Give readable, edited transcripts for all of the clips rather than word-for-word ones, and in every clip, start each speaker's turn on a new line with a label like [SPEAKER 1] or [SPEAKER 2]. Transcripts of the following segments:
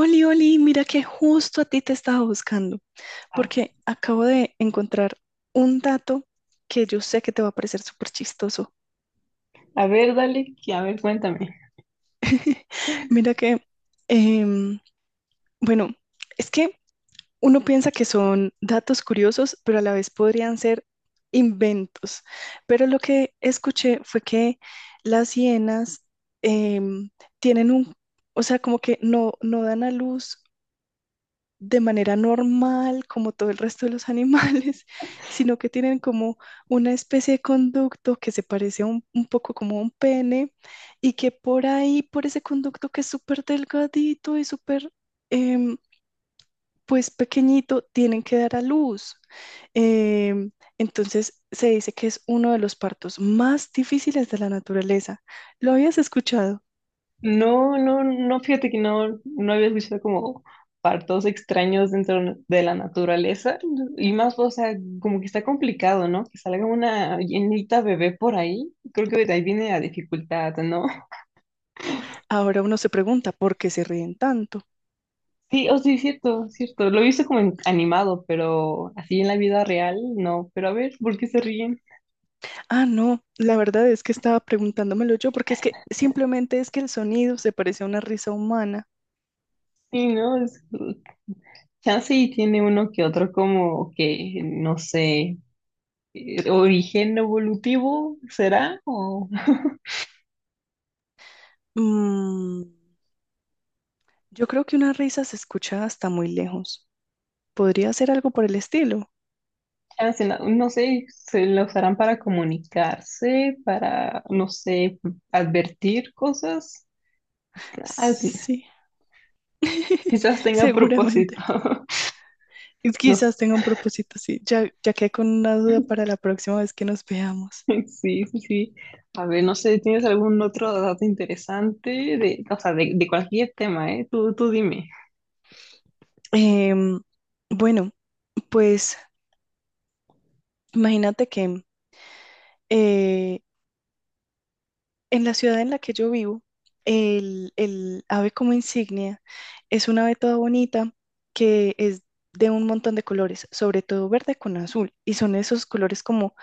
[SPEAKER 1] Oli, Oli, mira que justo a ti te estaba buscando,
[SPEAKER 2] Ah,
[SPEAKER 1] porque acabo de encontrar un dato que yo sé que te va a parecer súper chistoso.
[SPEAKER 2] a ver, dale, a ver, cuéntame.
[SPEAKER 1] Mira que, em, bueno, es que uno piensa que son datos curiosos, pero a la vez podrían ser inventos. Pero lo que escuché fue que las hienas em, tienen o sea, como que no dan a luz de manera normal, como todo el resto de los animales, sino que tienen como una especie de conducto que se parece a un poco como a un pene y que por ahí, por ese conducto que es súper delgadito y súper, em, pues pequeñito, tienen que dar a luz. Em, entonces se dice que es uno de los partos más difíciles de la naturaleza. ¿Lo habías escuchado?
[SPEAKER 2] No, fíjate que no, no había escuchado como partos extraños dentro de la naturaleza y más, o sea, como que está complicado, ¿no? Que salga una llenita bebé por ahí, creo que de ahí viene la dificultad, ¿no?
[SPEAKER 1] Ahora uno se pregunta, ¿por qué se ríen tanto?
[SPEAKER 2] Sí, oh sí, cierto, cierto, lo he visto como animado, pero así en la vida real, no, pero a ver, ¿por qué se ríen?
[SPEAKER 1] Ah, no, la verdad es que estaba preguntándomelo yo, porque es que simplemente es que el sonido se parece a una risa humana.
[SPEAKER 2] Sí, ¿no? Chance y tiene uno que otro como que, no sé. Origen evolutivo, ¿será? O,
[SPEAKER 1] Mm, yo creo que una risa se escucha hasta muy lejos. ¿Podría ser algo por el estilo?
[SPEAKER 2] chance, no, no sé, se la usarán para comunicarse, para, no sé, advertir cosas. Ah,
[SPEAKER 1] Sí,
[SPEAKER 2] quizás tenga
[SPEAKER 1] seguramente.
[SPEAKER 2] propósito.
[SPEAKER 1] Y
[SPEAKER 2] No sé.
[SPEAKER 1] quizás tenga un propósito así. Ya, ya quedé con una duda para la próxima vez que nos veamos.
[SPEAKER 2] Sí, sí, sí. A ver, no sé, ¿tienes algún otro dato interesante de, o sea, de cualquier tema, eh? Tú dime.
[SPEAKER 1] Em, bueno, pues imagínate que eh, en la ciudad en la que yo vivo, el ave como insignia es una ave toda bonita que es de un montón de colores, sobre todo verde con azul, y son esos colores como,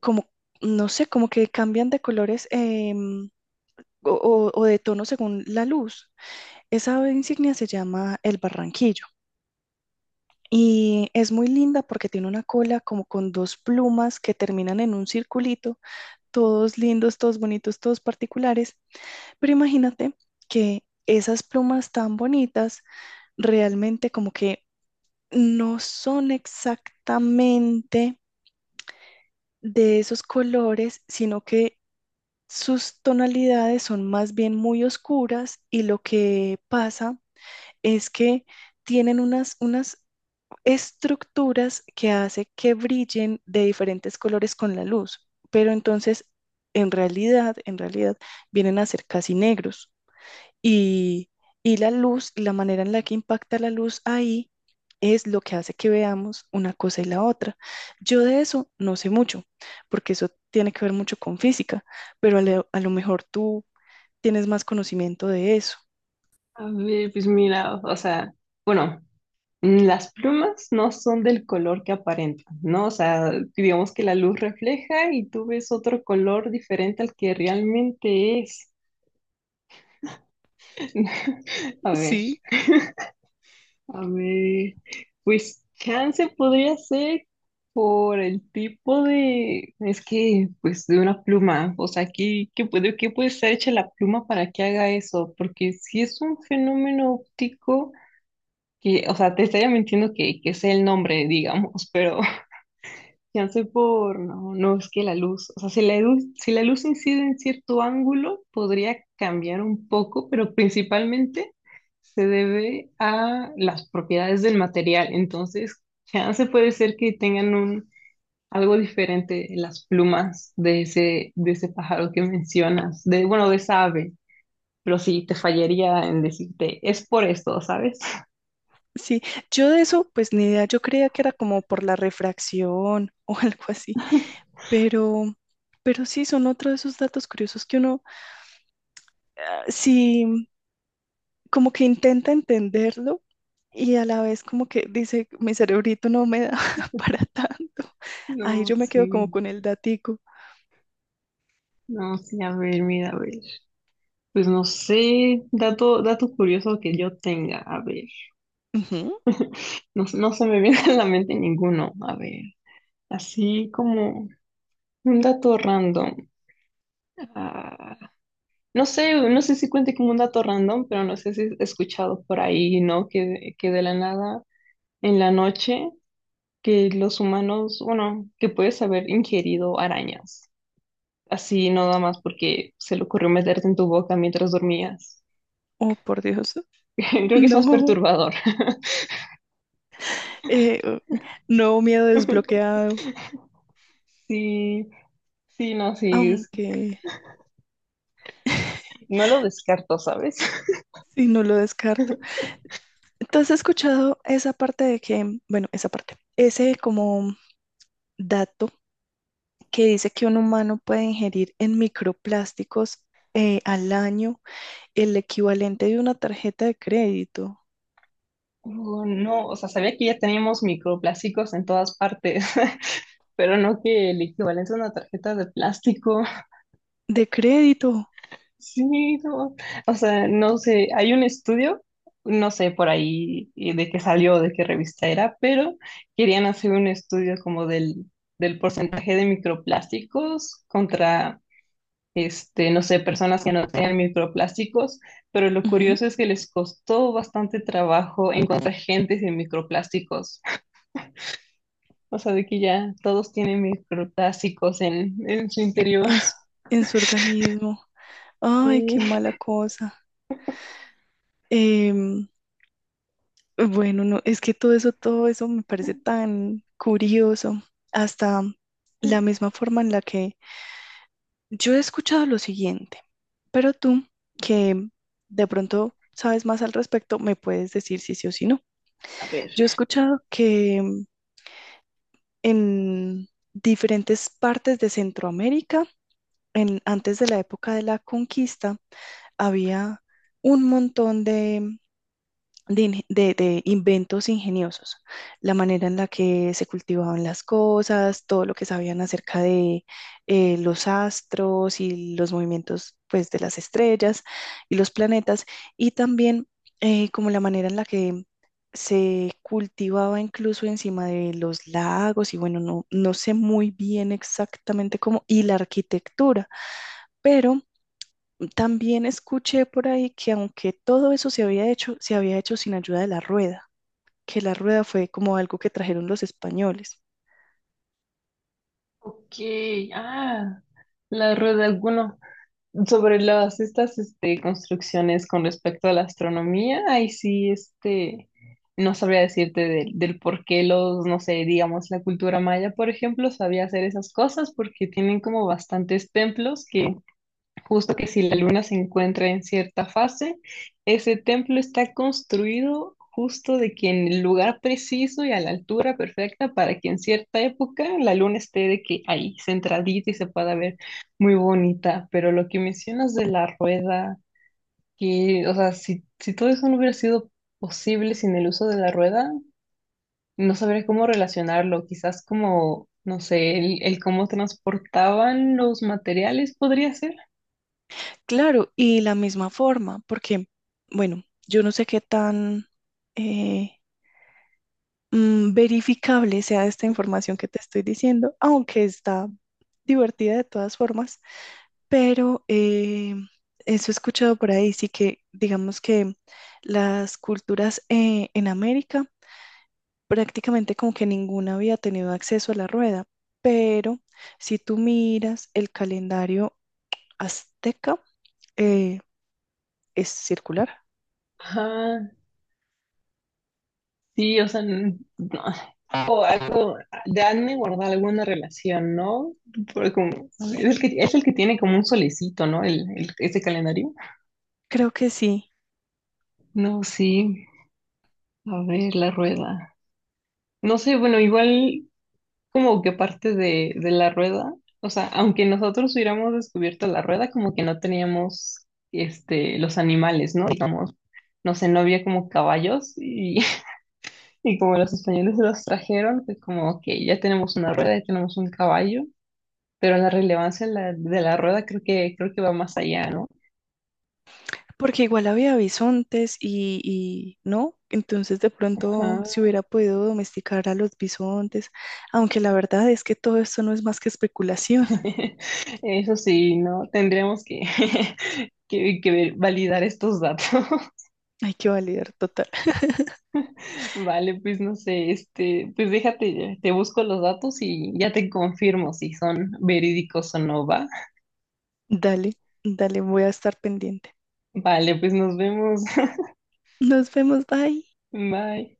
[SPEAKER 1] como no sé, como que cambian de colores o de tono según la luz. Esa ave insignia se llama el barranquillo. Y es muy linda porque tiene una cola como con dos plumas que terminan en un circulito, todos lindos, todos bonitos, todos particulares. Pero imagínate que esas plumas tan bonitas realmente como que no son exactamente de esos colores, sino que sus tonalidades son más bien muy oscuras y lo que pasa es que tienen unas estructuras que hace que brillen de diferentes colores con la luz, pero entonces en realidad vienen a ser casi negros. Y, y la luz, la manera en la que impacta la luz ahí es lo que hace que veamos una cosa y la otra. Yo de eso no sé mucho, porque eso tiene que ver mucho con física, pero a a lo mejor tú tienes más conocimiento de eso.
[SPEAKER 2] A ver, pues mira, o sea, bueno. Mm, las plumas no son del color que aparentan, ¿no? O sea, digamos que la luz refleja y tú ves otro color diferente al que realmente es. A ver,
[SPEAKER 1] Sí,
[SPEAKER 2] a ver, pues chance podría ser por el tipo de, es que, pues de una pluma, o sea, ¿qué, qué puede estar hecha la pluma para que haga eso? Porque si es un fenómeno óptico, que, o sea, te estaría mintiendo que sea el nombre, digamos, pero... Chance por, no, no, es que la luz, o sea, si la luz, si la luz incide en cierto ángulo, podría cambiar un poco, pero principalmente se debe a las propiedades del material. Entonces, chance puede ser que tengan un, algo diferente en las plumas de ese pájaro que mencionas, de, bueno, de esa ave, pero sí, te fallaría en decirte, es por esto, ¿sabes?
[SPEAKER 1] sí. Yo de eso, pues ni idea, yo creía que era como por la refracción o algo así, pero, pero sí son otro de esos datos curiosos que uno, ah, sí, como que intenta entenderlo y a la vez como que dice, mi cerebrito no me da para tanto.
[SPEAKER 2] No,
[SPEAKER 1] Ahí yo me quedo
[SPEAKER 2] sí,
[SPEAKER 1] como con el datico.
[SPEAKER 2] no, sí, a ver, mira, a ver. Pues no sé, dato curioso que yo tenga, a ver,
[SPEAKER 1] Ujú.
[SPEAKER 2] no, no se me viene a la mente ninguno, a ver, así como un dato random. Ah, no sé, no sé si cuente como un dato random, pero no sé si he escuchado por ahí, ¿no? Que de la nada, en la noche, que los humanos, bueno, que puedes haber ingerido arañas, así no nada más porque se le ocurrió meterte en tu boca mientras dormías.
[SPEAKER 1] Oh, por Dios.
[SPEAKER 2] Creo que es más
[SPEAKER 1] No,
[SPEAKER 2] perturbador.
[SPEAKER 1] eh, no, miedo desbloqueado,
[SPEAKER 2] Sí. Sí, no, sí,
[SPEAKER 1] aunque
[SPEAKER 2] no lo descarto, ¿sabes?
[SPEAKER 1] si no lo descarto. Entonces he escuchado esa parte de que, bueno, esa parte, ese como dato que dice que un humano puede ingerir en microplásticos al año el equivalente de una tarjeta de crédito.
[SPEAKER 2] No, o sea, sabía que ya teníamos microplásticos en todas partes, pero no que el equivalente a una tarjeta de plástico.
[SPEAKER 1] De crédito.
[SPEAKER 2] Sí, no, o sea, no sé, hay un estudio, no sé por ahí de qué salió, de qué revista era, pero querían hacer un estudio como del, del porcentaje de microplásticos contra este, no sé, personas que no tenían microplásticos, pero lo
[SPEAKER 1] Ujú.
[SPEAKER 2] curioso es que les costó bastante trabajo encontrar gente sin microplásticos. O sea, de que ya todos tienen microplásticos en su interior.
[SPEAKER 1] En, s- en su organismo. Ay, qué
[SPEAKER 2] Y,
[SPEAKER 1] mala cosa. Em, bueno, no, es que todo eso me parece tan curioso. Hasta la misma forma en la que yo he escuchado lo siguiente, pero tú, que de pronto sabes más al respecto, me puedes decir si sí o si no.
[SPEAKER 2] a ver,
[SPEAKER 1] Yo he escuchado que en diferentes partes de Centroamérica, en- antes de la época de la conquista, había un montón de inge- de inventos ingeniosos. La manera en la que se cultivaban las cosas, todo lo que sabían acerca de los astros y los movimientos pues, de las estrellas y los planetas, y también como la manera en la que se cultivaba incluso encima de los lagos, y bueno, no sé muy bien exactamente cómo, y la arquitectura, pero también escuché por ahí que aunque todo eso se había hecho sin ayuda de la rueda, que la rueda fue como algo que trajeron los españoles.
[SPEAKER 2] ok, ah, la rueda, bueno, sobre las estas este, construcciones con respecto a la astronomía, ahí sí, este, no sabría decirte del, del por qué los, no sé, digamos, la cultura maya, por ejemplo, sabía hacer esas cosas porque tienen como bastantes templos que justo que si la luna se encuentra en cierta fase, ese templo está construido justo de que en el lugar preciso y a la altura perfecta para que en cierta época la luna esté de que ahí centradita y se pueda ver muy bonita. Pero lo que mencionas de la rueda, que, o sea, si, si todo eso no hubiera sido posible sin el uso de la rueda, no sabría cómo relacionarlo. Quizás como, no sé, el cómo transportaban los materiales podría ser.
[SPEAKER 1] Claro, y la misma forma, porque, bueno, yo no sé qué tan eh, mm, verificable sea esta información que te estoy diciendo, aunque está divertida de todas formas, pero eso he escuchado por ahí, sí, que digamos que las culturas en América prácticamente como que ninguna había tenido acceso a la rueda. Pero si tú miras el calendario azteca, eh, es circular.
[SPEAKER 2] Ajá. Sí, o sea, no. O algo, de han de guardar alguna relación, ¿no? Porque es el que tiene como un solecito, ¿no? El, ese calendario.
[SPEAKER 1] Creo que sí,
[SPEAKER 2] No, sí. A ver, la rueda. No sé, bueno, igual como que parte de la rueda, o sea, aunque nosotros hubiéramos descubierto la rueda, como que no teníamos este, los animales, ¿no? Digamos, no sé, no había como caballos y como los españoles los trajeron, pues como, ok, ya tenemos una rueda, ya tenemos un caballo, pero la relevancia de la rueda creo que va más allá, ¿no?
[SPEAKER 1] porque igual había bisontes y no, entonces de
[SPEAKER 2] Ajá.
[SPEAKER 1] pronto se hubiera podido domesticar a los bisontes, aunque la verdad es que todo esto no es más que especulación.
[SPEAKER 2] Eso sí, ¿no? Tendríamos que, que validar estos datos.
[SPEAKER 1] Hay que validar total.
[SPEAKER 2] Vale, pues no sé, este, pues déjate, te busco los datos y ya te confirmo si son verídicos o no, ¿va?
[SPEAKER 1] Dale, dale, voy a estar pendiente.
[SPEAKER 2] Vale, pues nos vemos.
[SPEAKER 1] Nos vemos, bye.
[SPEAKER 2] Bye.